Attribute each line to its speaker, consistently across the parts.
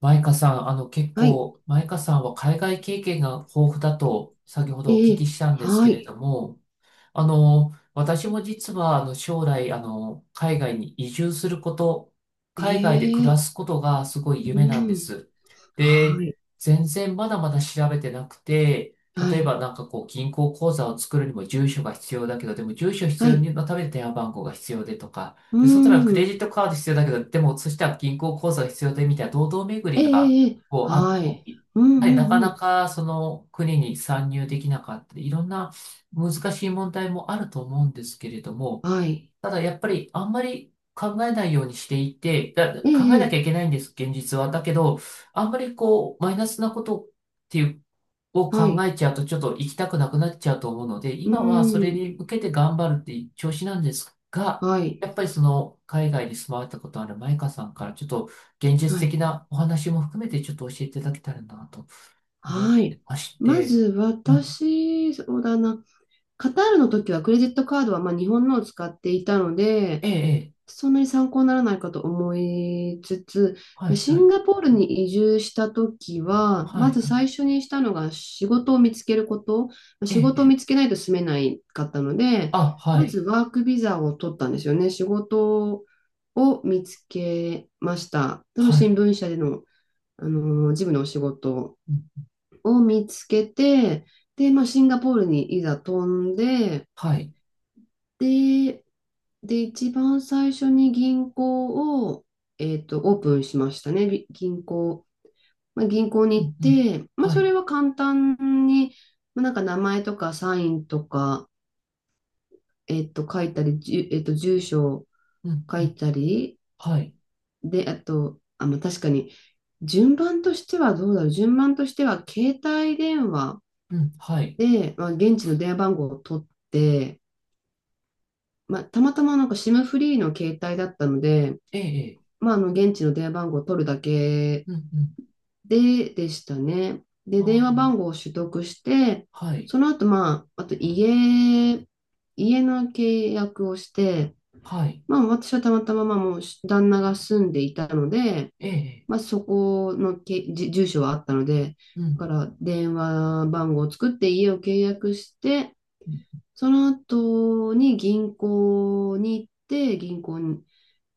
Speaker 1: マイカさん、結
Speaker 2: はい。
Speaker 1: 構、マイカさんは海外経験が豊富だと先ほどお
Speaker 2: え
Speaker 1: 聞き
Speaker 2: え、
Speaker 1: したんです
Speaker 2: は
Speaker 1: けれど
Speaker 2: い。
Speaker 1: も、私も実は、将来、海外に移住すること、
Speaker 2: え
Speaker 1: 海外で暮ら
Speaker 2: え、
Speaker 1: すことがすごい
Speaker 2: う
Speaker 1: 夢なんで
Speaker 2: ん。
Speaker 1: す。
Speaker 2: は
Speaker 1: で、
Speaker 2: い。
Speaker 1: 全然まだまだ調べてなくて、
Speaker 2: は
Speaker 1: 例え
Speaker 2: い。
Speaker 1: ばなんかこう、銀行口座を作るにも住所が必要だけど、でも住所必
Speaker 2: は
Speaker 1: 要
Speaker 2: い。
Speaker 1: のために電話番号が必要でとか、
Speaker 2: う
Speaker 1: で、そしたらクレジ
Speaker 2: ん。
Speaker 1: ットカード必要だけど、でもそしたら銀行口座が必要でみたいな堂々巡
Speaker 2: え
Speaker 1: りが、
Speaker 2: え、ええ、
Speaker 1: こう、あっ
Speaker 2: は
Speaker 1: た
Speaker 2: い。
Speaker 1: り、
Speaker 2: うん、
Speaker 1: やはり
Speaker 2: う
Speaker 1: なか
Speaker 2: ん、う
Speaker 1: な
Speaker 2: ん。
Speaker 1: かその国に参入できなかったり、いろんな難しい問題もあると思うんですけれども、
Speaker 2: はい。
Speaker 1: ただやっぱりあんまり考えないようにしていて、
Speaker 2: え
Speaker 1: 考えなき
Speaker 2: え、ええ、
Speaker 1: ゃいけないんです、現実は。だけど、あんまりこう、マイナスなことっていう、を
Speaker 2: は
Speaker 1: 考
Speaker 2: い。
Speaker 1: えちゃうとちょっと行きたくなくなっちゃうと思うので、
Speaker 2: う
Speaker 1: 今はそれに
Speaker 2: ん。
Speaker 1: 向けて頑張るっていう調子なんですが、
Speaker 2: はい。
Speaker 1: やっぱりその海外に住まわれたことあるマイカさんからちょっと現実
Speaker 2: は
Speaker 1: 的
Speaker 2: い。
Speaker 1: なお話も含めてちょっと教えていただけたらなと思っ
Speaker 2: は
Speaker 1: て
Speaker 2: い。
Speaker 1: まし
Speaker 2: ま
Speaker 1: て、
Speaker 2: ず
Speaker 1: まあ、
Speaker 2: 私、そうだな。カタールの時はクレジットカードはまあ日本のを使っていたので、
Speaker 1: ええ、ええ、
Speaker 2: そんなに参考にならないかと思いつつ、
Speaker 1: はい、
Speaker 2: シ
Speaker 1: は
Speaker 2: ン
Speaker 1: い。
Speaker 2: ガポールに移住した時は、
Speaker 1: は
Speaker 2: ま
Speaker 1: い、
Speaker 2: ず
Speaker 1: はい。
Speaker 2: 最初にしたのが仕事を見つけること。
Speaker 1: え
Speaker 2: 仕
Speaker 1: え、え
Speaker 2: 事を
Speaker 1: え。
Speaker 2: 見つけないと住めないかったので、
Speaker 1: あ、は
Speaker 2: まず
Speaker 1: い、
Speaker 2: ワークビザを取ったんですよね。仕事を見つけました。その
Speaker 1: は
Speaker 2: 新
Speaker 1: い、
Speaker 2: 聞社での、あの事務のお仕事
Speaker 1: うん、
Speaker 2: を見つけて、で、まあ、シンガポールにいざ飛んで、
Speaker 1: はい、
Speaker 2: で、で、一番最初に銀行を、オープンしましたね。銀行。まあ、銀行
Speaker 1: う
Speaker 2: に行っ
Speaker 1: ん、うん、
Speaker 2: て、まあ、
Speaker 1: は
Speaker 2: そ
Speaker 1: い、
Speaker 2: れは簡単に、まあ、なんか名前とかサインとか、書いたり、じゅ、えっと、住所を
Speaker 1: うん、
Speaker 2: 書
Speaker 1: う
Speaker 2: い
Speaker 1: ん、
Speaker 2: たり、
Speaker 1: はい、
Speaker 2: で、あと、あ、まあ、確かに、順番としてはどうだろう。順番としては、携帯電話
Speaker 1: うん、はい、
Speaker 2: で、まあ、現地の電話番号を取って、まあ、たまたまなんか SIM フリーの携帯だったので、
Speaker 1: ええ、ええ、
Speaker 2: まあ、あの現地の電話番号を取るだけ
Speaker 1: うん、うん、
Speaker 2: で、でしたね。
Speaker 1: あ
Speaker 2: で、電話番号を取得して、
Speaker 1: あ、はい、
Speaker 2: その後、まあ、あと家の契約をして、
Speaker 1: はい、
Speaker 2: まあ、私はたまたま、まあ、もう旦那が住んでいたので、
Speaker 1: ええ、ええ、
Speaker 2: まあ、そこのけ、じ住所はあったので、
Speaker 1: う
Speaker 2: だか
Speaker 1: ん、
Speaker 2: ら電話番号を作って家を契約して、
Speaker 1: うん、
Speaker 2: その後に銀行に行って、銀行に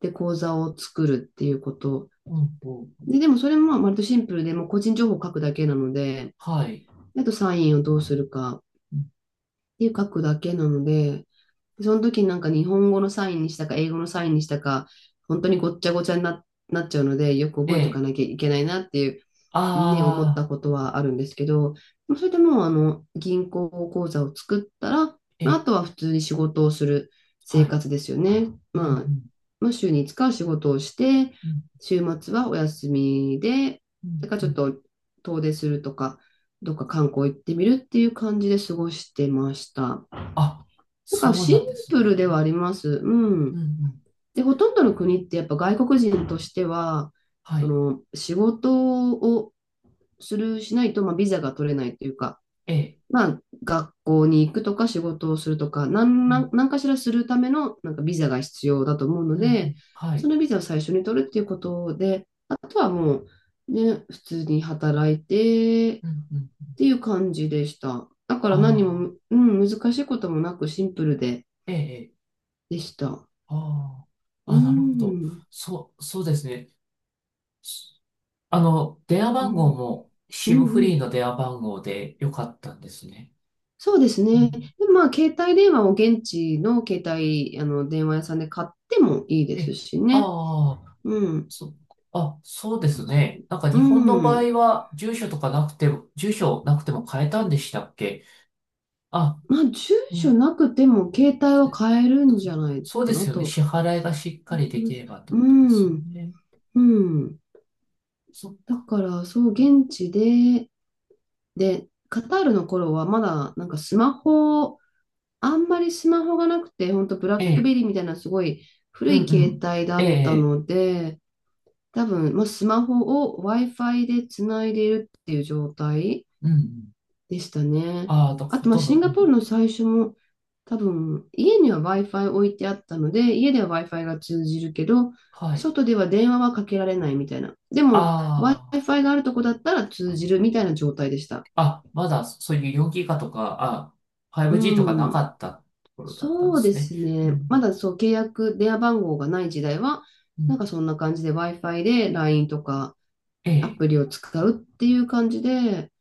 Speaker 2: で口座を作るっていうこと。
Speaker 1: うん、
Speaker 2: で、でもそれもまあ割とシンプルで、もう個人情報を書くだけなので、
Speaker 1: はい、
Speaker 2: あとサインをどうするかっ
Speaker 1: うん、
Speaker 2: ていう書くだけなので、その時になんか日本語のサインにしたか英語のサインにしたか、本当にごっちゃごちゃになっちゃうので、よく
Speaker 1: え
Speaker 2: 覚えておか
Speaker 1: え、
Speaker 2: なきゃいけないなっていうね、思っ
Speaker 1: あ
Speaker 2: た
Speaker 1: あ、
Speaker 2: ことはあるんですけど、それでもうあの銀行口座を作ったら、
Speaker 1: え
Speaker 2: まあ、あ
Speaker 1: え、
Speaker 2: とは普通に仕事をする
Speaker 1: は
Speaker 2: 生
Speaker 1: い、
Speaker 2: 活ですよね。
Speaker 1: うん、う
Speaker 2: まあ、
Speaker 1: ん、
Speaker 2: まあ、週に5日は仕事をして、
Speaker 1: うん、
Speaker 2: 週末はお休みで、
Speaker 1: う
Speaker 2: だ
Speaker 1: ん、
Speaker 2: から
Speaker 1: う
Speaker 2: ちょっ
Speaker 1: ん、
Speaker 2: と遠出するとか、どっか観光行ってみるっていう感じで過ごしてました。
Speaker 1: あ、
Speaker 2: なんか
Speaker 1: そう
Speaker 2: シ
Speaker 1: な
Speaker 2: ン
Speaker 1: んです
Speaker 2: プル
Speaker 1: ね。
Speaker 2: ではあります。う
Speaker 1: う
Speaker 2: ん。
Speaker 1: ん、うん、
Speaker 2: で、ほとんどの国ってやっぱ外国人としては、
Speaker 1: は
Speaker 2: そ
Speaker 1: い、
Speaker 2: の仕事をする、しないと、まあ、ビザが取れないというか、
Speaker 1: ええ、
Speaker 2: まあ、学校に行くとか仕事をするとか、なん
Speaker 1: う
Speaker 2: な
Speaker 1: ん、
Speaker 2: んかしらするためのなんかビザが必要だと思うの
Speaker 1: うん、う
Speaker 2: で、
Speaker 1: ん、は
Speaker 2: そ
Speaker 1: い、
Speaker 2: のビザを最初に取るっていうことで、あとはもう、ね、普通に働いてっ
Speaker 1: うん、うん、
Speaker 2: ていう感じでした。だか
Speaker 1: あ
Speaker 2: ら何
Speaker 1: あ、
Speaker 2: も、うん、難しいこともなくシンプルで
Speaker 1: ええ、ええ、
Speaker 2: でした。
Speaker 1: ああ、
Speaker 2: う
Speaker 1: あ、なるほど。
Speaker 2: ん、
Speaker 1: そう、そうですね。す電話
Speaker 2: う
Speaker 1: 番号
Speaker 2: ん、
Speaker 1: も
Speaker 2: うん、
Speaker 1: SIM フ
Speaker 2: う
Speaker 1: リー
Speaker 2: ん。
Speaker 1: の電話番号でよかったんですね。
Speaker 2: そうです
Speaker 1: うん、
Speaker 2: ね。で、まあ、携帯電話を現地の携帯、電話屋さんで買ってもいいです
Speaker 1: え、
Speaker 2: しね。
Speaker 1: ああ、
Speaker 2: うん。
Speaker 1: そ、あ、そうです
Speaker 2: う
Speaker 1: ね。なんか日本の場
Speaker 2: ん。
Speaker 1: 合は住所とかなくても、住所なくても変えたんでしたっけ？あ、
Speaker 2: まあ、住
Speaker 1: う
Speaker 2: 所
Speaker 1: ん、
Speaker 2: なくても携帯は買える
Speaker 1: そ
Speaker 2: んじゃない
Speaker 1: そうで
Speaker 2: かな
Speaker 1: すよね。
Speaker 2: と
Speaker 1: 支払いがしっか
Speaker 2: 思
Speaker 1: り
Speaker 2: い
Speaker 1: でき
Speaker 2: ます。
Speaker 1: ればって
Speaker 2: う
Speaker 1: ことですよ
Speaker 2: ん。
Speaker 1: ね。
Speaker 2: うん。
Speaker 1: そっ
Speaker 2: だ
Speaker 1: か。
Speaker 2: から、そう、現地で、カタールの頃はまだ、なんかスマホ、あんまりスマホがなくて、本当ブラッ
Speaker 1: え
Speaker 2: ク
Speaker 1: え、
Speaker 2: ベリーみたいなすごい
Speaker 1: う
Speaker 2: 古
Speaker 1: ん
Speaker 2: い
Speaker 1: う
Speaker 2: 携
Speaker 1: ん。
Speaker 2: 帯だ
Speaker 1: え
Speaker 2: った
Speaker 1: え、
Speaker 2: ので、多分、まあ、スマホを Wi-Fi でつないでいるっていう状態
Speaker 1: うんうん。
Speaker 2: でしたね。
Speaker 1: ああ、だ
Speaker 2: あ
Speaker 1: ほ
Speaker 2: と、まあ、
Speaker 1: とん
Speaker 2: シ
Speaker 1: ど、
Speaker 2: ン
Speaker 1: う
Speaker 2: ガポー
Speaker 1: ん。
Speaker 2: ルの最初も、多分、家には Wi-Fi 置いてあったので、家では Wi-Fi が通じるけど、
Speaker 1: はい。
Speaker 2: 外では電話はかけられないみたいな。でも、
Speaker 1: あ
Speaker 2: Wi-Fi があるとこだったら通じるみたいな状態でした。
Speaker 1: あ、あ、まだそういう 4GB とか、5G とかな
Speaker 2: う
Speaker 1: か
Speaker 2: ん。
Speaker 1: ったところだったんで
Speaker 2: そうで
Speaker 1: すね。
Speaker 2: す
Speaker 1: う
Speaker 2: ね。ま
Speaker 1: ん、
Speaker 2: だそう、契約、電話番号がない時代は、
Speaker 1: う
Speaker 2: なん
Speaker 1: ん、
Speaker 2: かそんな感じで Wi-Fi で LINE とか
Speaker 1: え
Speaker 2: ア
Speaker 1: え、
Speaker 2: プリを使うっていう感じで、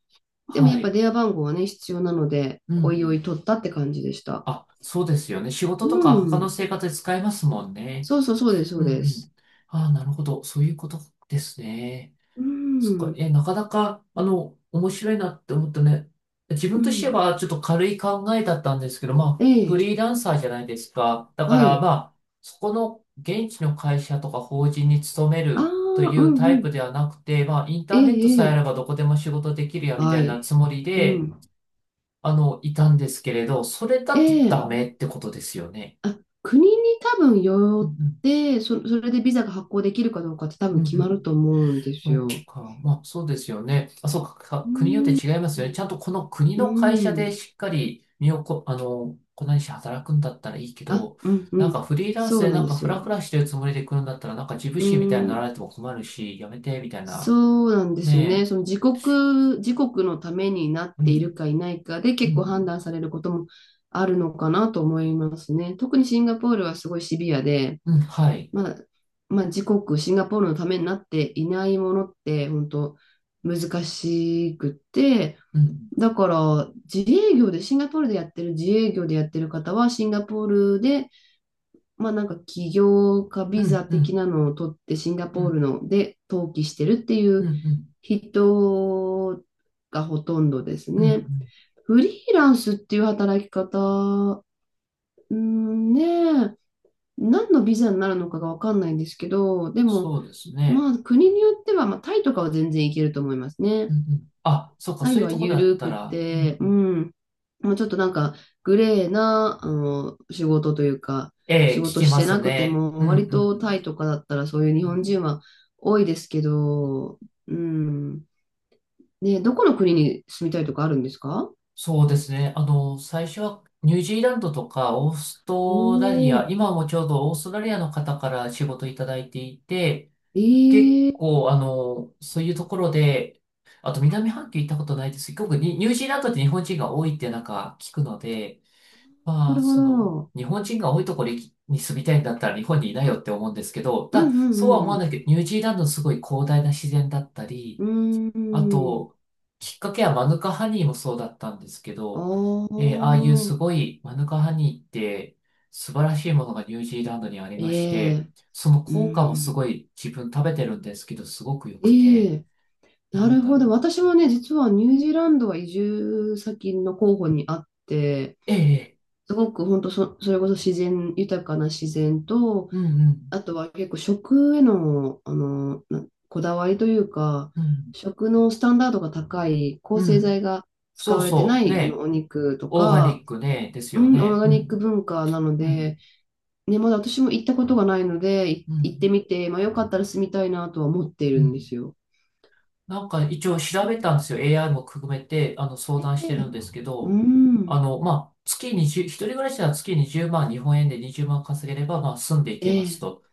Speaker 2: でもや
Speaker 1: は
Speaker 2: っぱ
Speaker 1: い。
Speaker 2: 電話番号はね、必要なので、
Speaker 1: う
Speaker 2: おいお
Speaker 1: ん。
Speaker 2: い取ったって感じでした。
Speaker 1: あ、そうですよね。仕事
Speaker 2: う
Speaker 1: とか他の
Speaker 2: ん。
Speaker 1: 生活で使えますもんね。
Speaker 2: そうそうそうです、そ
Speaker 1: う
Speaker 2: う
Speaker 1: ん、う
Speaker 2: で
Speaker 1: ん。
Speaker 2: す。
Speaker 1: ああ、なるほど。そういうことですね。
Speaker 2: う
Speaker 1: そっか、
Speaker 2: ん。
Speaker 1: え、なかなか、面白いなって思ったね。自
Speaker 2: う
Speaker 1: 分として
Speaker 2: ん。
Speaker 1: は、ちょっと軽い考えだったんですけど、
Speaker 2: え
Speaker 1: まあ、フ
Speaker 2: え。
Speaker 1: リーランサーじゃないですか。だか
Speaker 2: は
Speaker 1: ら、ま
Speaker 2: い。
Speaker 1: あ、そこの現地の会社とか法人に勤め
Speaker 2: ああ、
Speaker 1: るとい
Speaker 2: う
Speaker 1: う
Speaker 2: ん、
Speaker 1: タ
Speaker 2: う
Speaker 1: イ
Speaker 2: ん。
Speaker 1: プではなくて、まあ、イン
Speaker 2: え
Speaker 1: ターネット
Speaker 2: え、え
Speaker 1: さえあれ
Speaker 2: え。
Speaker 1: ばどこでも仕事できるや、み
Speaker 2: は
Speaker 1: たいな
Speaker 2: い。
Speaker 1: つもり
Speaker 2: う
Speaker 1: で、
Speaker 2: ん。
Speaker 1: いたんですけれど、それ
Speaker 2: え
Speaker 1: だとダ
Speaker 2: え。
Speaker 1: メってことですよね。
Speaker 2: あ、国に多分
Speaker 1: う
Speaker 2: よっ
Speaker 1: ん
Speaker 2: て、それでビザが発行できるかどうかって多
Speaker 1: う
Speaker 2: 分
Speaker 1: ん。
Speaker 2: 決
Speaker 1: う
Speaker 2: まる
Speaker 1: ん、
Speaker 2: と思うんです
Speaker 1: そっ
Speaker 2: よ。
Speaker 1: か。まあ、そうですよね。あ、そうか。
Speaker 2: う
Speaker 1: 国によって
Speaker 2: ん。
Speaker 1: 違いますよね。ちゃんとこの国
Speaker 2: う
Speaker 1: の会社で
Speaker 2: ん。
Speaker 1: しっかり身をこ、あの、粉にして働くんだったらいいけ
Speaker 2: あ、
Speaker 1: ど、
Speaker 2: うん、う
Speaker 1: なん
Speaker 2: ん。
Speaker 1: かフリーランス
Speaker 2: そう
Speaker 1: で
Speaker 2: なん
Speaker 1: なん
Speaker 2: で
Speaker 1: か
Speaker 2: す
Speaker 1: フラフ
Speaker 2: よ。
Speaker 1: ラしてるつもりで来るんだったら、なんか自分
Speaker 2: う
Speaker 1: 史みたいになら
Speaker 2: ん。
Speaker 1: れても困るし、やめて、みたいな。
Speaker 2: そうなんですよね。
Speaker 1: ね
Speaker 2: その自国のためになっ
Speaker 1: え。う
Speaker 2: ている
Speaker 1: ん、
Speaker 2: かいないかで
Speaker 1: う
Speaker 2: 結構判
Speaker 1: ん、
Speaker 2: 断されることもあるのかなと思いますね。特にシンガポールはすごいシビアで、
Speaker 1: うん、はい。
Speaker 2: まあ、まあ、自国、シンガポールのためになっていないものって本当難しくって、
Speaker 1: うん、
Speaker 2: だから自営業で、シンガポールでやってる自営業でやってる方はシンガポールでまあなんか起業家
Speaker 1: う
Speaker 2: ビザ
Speaker 1: ん、う
Speaker 2: 的
Speaker 1: ん、
Speaker 2: なのを取ってシンガ
Speaker 1: う
Speaker 2: ポール
Speaker 1: ん、
Speaker 2: ので登記してるってい
Speaker 1: うん、
Speaker 2: う
Speaker 1: うん、
Speaker 2: 人がほとんどです
Speaker 1: うん、うん、
Speaker 2: ね。フリーランスっていう働き方、うんねえ、何のビザになるのかがわかんないんですけど、でも
Speaker 1: そうですね。
Speaker 2: まあ国によってはまあタイとかは全然いけると思います
Speaker 1: う
Speaker 2: ね。
Speaker 1: ん、うん。あ、そうか。そ
Speaker 2: 愛
Speaker 1: ういう
Speaker 2: は
Speaker 1: ところ
Speaker 2: ゆ
Speaker 1: だっ
Speaker 2: る
Speaker 1: た
Speaker 2: く
Speaker 1: ら、うん、
Speaker 2: て、う
Speaker 1: うん、
Speaker 2: ん。もうちょっとなんか、グレーな、仕事というか、
Speaker 1: ええ、
Speaker 2: 仕
Speaker 1: 聞
Speaker 2: 事
Speaker 1: き
Speaker 2: し
Speaker 1: ま
Speaker 2: て
Speaker 1: す
Speaker 2: なくて
Speaker 1: ね。う
Speaker 2: も、
Speaker 1: ん、う
Speaker 2: 割とタイ
Speaker 1: ん、
Speaker 2: とかだったらそういう日
Speaker 1: う
Speaker 2: 本人
Speaker 1: ん。
Speaker 2: は多いですけど、うん。ね、どこの国に住みたいとかあるんですか？
Speaker 1: そうですね。最初はニュージーランドとかオーストラリ
Speaker 2: お
Speaker 1: ア、
Speaker 2: ー、
Speaker 1: 今もちょうどオーストラリアの方から仕事いただいていて、
Speaker 2: え
Speaker 1: 結
Speaker 2: ー、
Speaker 1: 構、そういうところで、あと南半球行ったことないですけど、結構にニュージーランドって日本人が多いってなんか聞くので、
Speaker 2: な
Speaker 1: まあ、
Speaker 2: るほ
Speaker 1: その、
Speaker 2: ど。
Speaker 1: 日本人が多いところに住みたいんだったら日本にいないよって思うんですけど、
Speaker 2: うん、
Speaker 1: ただ、そうは思
Speaker 2: う
Speaker 1: わな
Speaker 2: ん、
Speaker 1: いけど、ニュージーランドのすごい広大な自然だった
Speaker 2: う
Speaker 1: り、
Speaker 2: ん、うん。う
Speaker 1: あ
Speaker 2: ーん。
Speaker 1: と、きっかけはマヌカハニーもそうだったんですけ
Speaker 2: あ
Speaker 1: ど、ああいう
Speaker 2: あ、
Speaker 1: すごいマヌカハニーって素晴らしいものがニュージーランドにありまし
Speaker 2: え
Speaker 1: て、
Speaker 2: え、
Speaker 1: その
Speaker 2: う
Speaker 1: 効果もす
Speaker 2: ん。
Speaker 1: ごい自分食べてるんですけど、すごく良く
Speaker 2: え
Speaker 1: て、
Speaker 2: え、な
Speaker 1: なん
Speaker 2: る
Speaker 1: だ
Speaker 2: ほ
Speaker 1: ろう。
Speaker 2: ど。私もね、実はニュージーランドは移住先の候補にあって、
Speaker 1: ええ、ええ、
Speaker 2: すごく本当それこそ豊かな自然と、
Speaker 1: うんうん、
Speaker 2: あとは結構食への、こだわりというか、
Speaker 1: うん、
Speaker 2: 食のスタンダードが高い、抗
Speaker 1: う
Speaker 2: 生
Speaker 1: ん。
Speaker 2: 剤が使
Speaker 1: そう
Speaker 2: われてな
Speaker 1: そう、
Speaker 2: いあの
Speaker 1: ね、
Speaker 2: お肉と
Speaker 1: オーガニ
Speaker 2: か、
Speaker 1: ックね、です
Speaker 2: う
Speaker 1: よ
Speaker 2: ん、オー
Speaker 1: ね。
Speaker 2: ガ
Speaker 1: う
Speaker 2: ニック
Speaker 1: ん、
Speaker 2: 文化なの
Speaker 1: うん、
Speaker 2: で、ね、まだ私も行ったことがないので、い
Speaker 1: う
Speaker 2: 行って
Speaker 1: ん、
Speaker 2: みて、まあ、よかったら住みたいなとは思ってい
Speaker 1: う
Speaker 2: るんで
Speaker 1: ん。
Speaker 2: すよ。
Speaker 1: なんか一応
Speaker 2: う
Speaker 1: 調べ
Speaker 2: ん、
Speaker 1: たんですよ。AI も含めて、相
Speaker 2: ええ、
Speaker 1: 談し
Speaker 2: え
Speaker 1: て
Speaker 2: え、
Speaker 1: るんですけ
Speaker 2: う
Speaker 1: ど、
Speaker 2: ん。
Speaker 1: まあ、月20、一人暮らしなら月20万、日本円で20万稼げれば、まあ、住んでいけま
Speaker 2: え
Speaker 1: す
Speaker 2: え、
Speaker 1: と。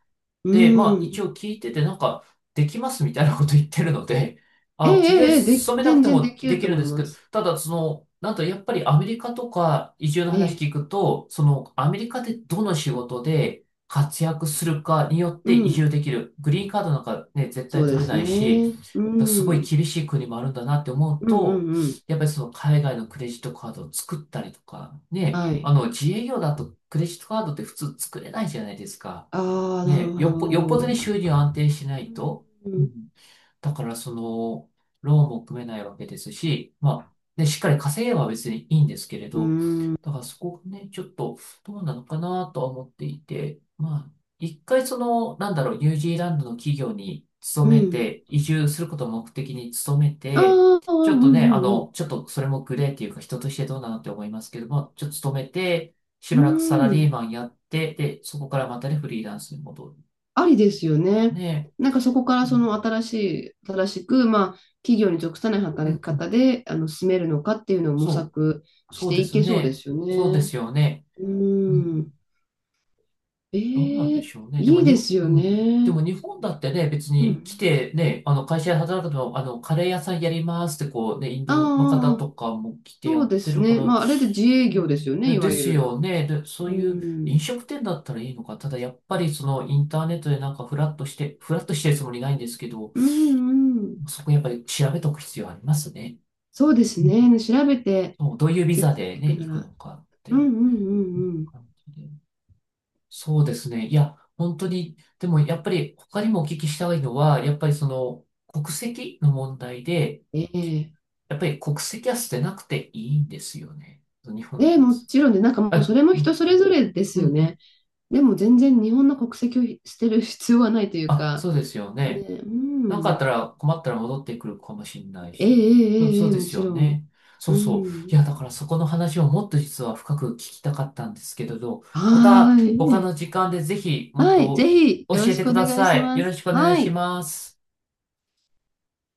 Speaker 1: で、まあ、
Speaker 2: うん。
Speaker 1: 一応聞いてて、なんか、できますみたいなこと言ってるので、
Speaker 2: ええ、
Speaker 1: あ、企業に
Speaker 2: ええ、で
Speaker 1: 勤
Speaker 2: き、
Speaker 1: めなく
Speaker 2: 全
Speaker 1: て
Speaker 2: 然で
Speaker 1: も
Speaker 2: き
Speaker 1: で
Speaker 2: る
Speaker 1: き
Speaker 2: と
Speaker 1: る
Speaker 2: 思
Speaker 1: ん
Speaker 2: い
Speaker 1: ですけ
Speaker 2: ま
Speaker 1: ど、
Speaker 2: す。
Speaker 1: ただ、その、なんと、やっぱりアメリカとか移住の
Speaker 2: ええ、
Speaker 1: 話聞くと、その、アメリカでどの仕事で活躍するかによっ
Speaker 2: う
Speaker 1: て移
Speaker 2: ん。
Speaker 1: 住できる。グリーンカードなんかね、絶
Speaker 2: そ
Speaker 1: 対
Speaker 2: うで
Speaker 1: 取れ
Speaker 2: す
Speaker 1: ないし、
Speaker 2: ね。うん。
Speaker 1: すごい
Speaker 2: うん、
Speaker 1: 厳しい国もあるんだなって思う
Speaker 2: う
Speaker 1: と、
Speaker 2: ん、うん。
Speaker 1: やっぱりその海外のクレジットカードを作ったりとか、ね、
Speaker 2: はい。
Speaker 1: 自営業だとクレジットカードって普通作れないじゃないですか。
Speaker 2: ああ、なる
Speaker 1: ね、よ
Speaker 2: ほ
Speaker 1: っぽ、よっぽどに
Speaker 2: ど。
Speaker 1: 収入安定しないと。
Speaker 2: う
Speaker 1: う
Speaker 2: ん。
Speaker 1: ん、だからその、ローンも組めないわけですし、まあ、で、しっかり稼げば別にいいんですけれ
Speaker 2: う
Speaker 1: ど、
Speaker 2: ん。
Speaker 1: だからそこがね、ちょっとどうなのかなとは思っていて、まあ、一回その、なんだろう、ニュージーランドの企業に勤
Speaker 2: う
Speaker 1: め
Speaker 2: ん。
Speaker 1: て、移住することを目的に勤め
Speaker 2: あ
Speaker 1: て、
Speaker 2: あ、
Speaker 1: ちょっ
Speaker 2: う
Speaker 1: とね、
Speaker 2: ん、うん、
Speaker 1: ちょっとそれもグレーっていうか人としてどうなのって思いますけども、ちょっと勤めて、し
Speaker 2: う
Speaker 1: ばらくサ
Speaker 2: ん。
Speaker 1: ラ
Speaker 2: う
Speaker 1: リー
Speaker 2: ん。
Speaker 1: マンやって、で、そこからまたね、フリーランスに戻ると
Speaker 2: ありですよ
Speaker 1: か
Speaker 2: ね。
Speaker 1: ね。
Speaker 2: なんかそこか
Speaker 1: う
Speaker 2: らそ
Speaker 1: ん、
Speaker 2: の新しく、まあ、企業に属さない
Speaker 1: う
Speaker 2: 働き
Speaker 1: ん、うん、
Speaker 2: 方で、進めるのかっていうのを模
Speaker 1: そう。
Speaker 2: 索し
Speaker 1: そう
Speaker 2: て
Speaker 1: で
Speaker 2: い
Speaker 1: す
Speaker 2: けそうで
Speaker 1: ね。
Speaker 2: すよ
Speaker 1: そうで
Speaker 2: ね。
Speaker 1: すよね。
Speaker 2: う
Speaker 1: う
Speaker 2: ん。
Speaker 1: ん。どうなん
Speaker 2: え
Speaker 1: で
Speaker 2: え、
Speaker 1: しょうね。でも
Speaker 2: いいで
Speaker 1: う
Speaker 2: すよ
Speaker 1: ん。で
Speaker 2: ね。
Speaker 1: も日本だってね、別
Speaker 2: う
Speaker 1: に来
Speaker 2: ん。
Speaker 1: てね、会社で働くとカレー屋さんやりますってこうね、イン
Speaker 2: あ
Speaker 1: ドの方
Speaker 2: あ、ああ、
Speaker 1: とかも来て
Speaker 2: そ
Speaker 1: や
Speaker 2: う
Speaker 1: っ
Speaker 2: で
Speaker 1: て
Speaker 2: す
Speaker 1: るか
Speaker 2: ね。
Speaker 1: ら、う
Speaker 2: まあ、あれで自営業です
Speaker 1: ん、
Speaker 2: よね、
Speaker 1: で、
Speaker 2: い
Speaker 1: で
Speaker 2: わゆ
Speaker 1: す
Speaker 2: る。
Speaker 1: よね。で、そう
Speaker 2: う
Speaker 1: いう飲
Speaker 2: ん。
Speaker 1: 食店だったらいいのか。ただやっぱりそのインターネットでなんかフラッとしてるつもりないんですけど、
Speaker 2: うん、うん。
Speaker 1: そこやっぱり調べとく必要ありますね。
Speaker 2: そうです
Speaker 1: うん。
Speaker 2: ね。調べて
Speaker 1: そう、どういうビ
Speaker 2: い、
Speaker 1: ザで
Speaker 2: い
Speaker 1: ね、
Speaker 2: く
Speaker 1: 行
Speaker 2: な
Speaker 1: くの
Speaker 2: ら。
Speaker 1: かっ
Speaker 2: うん、う
Speaker 1: て
Speaker 2: ん、う
Speaker 1: うん
Speaker 2: ん、うん。
Speaker 1: 感じで。そうですね。いや、本当に、でもやっぱり他にもお聞きしたいのは、やっぱりその国籍の問題で、
Speaker 2: ええ、
Speaker 1: やっぱり国籍は捨てなくていいんですよね。日本の
Speaker 2: で、
Speaker 1: 国
Speaker 2: も
Speaker 1: 籍。
Speaker 2: ちろん、で、なんかもうそ
Speaker 1: あ、
Speaker 2: れも
Speaker 1: う
Speaker 2: 人
Speaker 1: ん、
Speaker 2: それぞれです
Speaker 1: うん、
Speaker 2: よ
Speaker 1: う
Speaker 2: ね。
Speaker 1: ん。
Speaker 2: でも全然日本の国籍を捨てる必要はないという
Speaker 1: あ、
Speaker 2: か、
Speaker 1: そうですよ
Speaker 2: ね、
Speaker 1: ね。
Speaker 2: う
Speaker 1: あった
Speaker 2: ん。
Speaker 1: ら困ったら戻ってくるかもしれない
Speaker 2: えええ
Speaker 1: し。そう、
Speaker 2: ええ
Speaker 1: そ
Speaker 2: え、
Speaker 1: うで
Speaker 2: も
Speaker 1: す
Speaker 2: ち
Speaker 1: よ
Speaker 2: ろん。
Speaker 1: ね。そ
Speaker 2: う
Speaker 1: うそう。い
Speaker 2: ん。
Speaker 1: や、だからそこの話をもっと実は深く聞きたかったんですけれど、ま
Speaker 2: は
Speaker 1: た
Speaker 2: ー
Speaker 1: 他
Speaker 2: い。
Speaker 1: の時間でぜひもっ
Speaker 2: はい、ぜ
Speaker 1: と
Speaker 2: ひ
Speaker 1: 教
Speaker 2: よろ
Speaker 1: え
Speaker 2: し
Speaker 1: て
Speaker 2: く
Speaker 1: く
Speaker 2: お
Speaker 1: だ
Speaker 2: 願い
Speaker 1: さ
Speaker 2: し
Speaker 1: い。
Speaker 2: ま
Speaker 1: よろ
Speaker 2: す。
Speaker 1: しくお願い
Speaker 2: は
Speaker 1: し
Speaker 2: い。
Speaker 1: ます。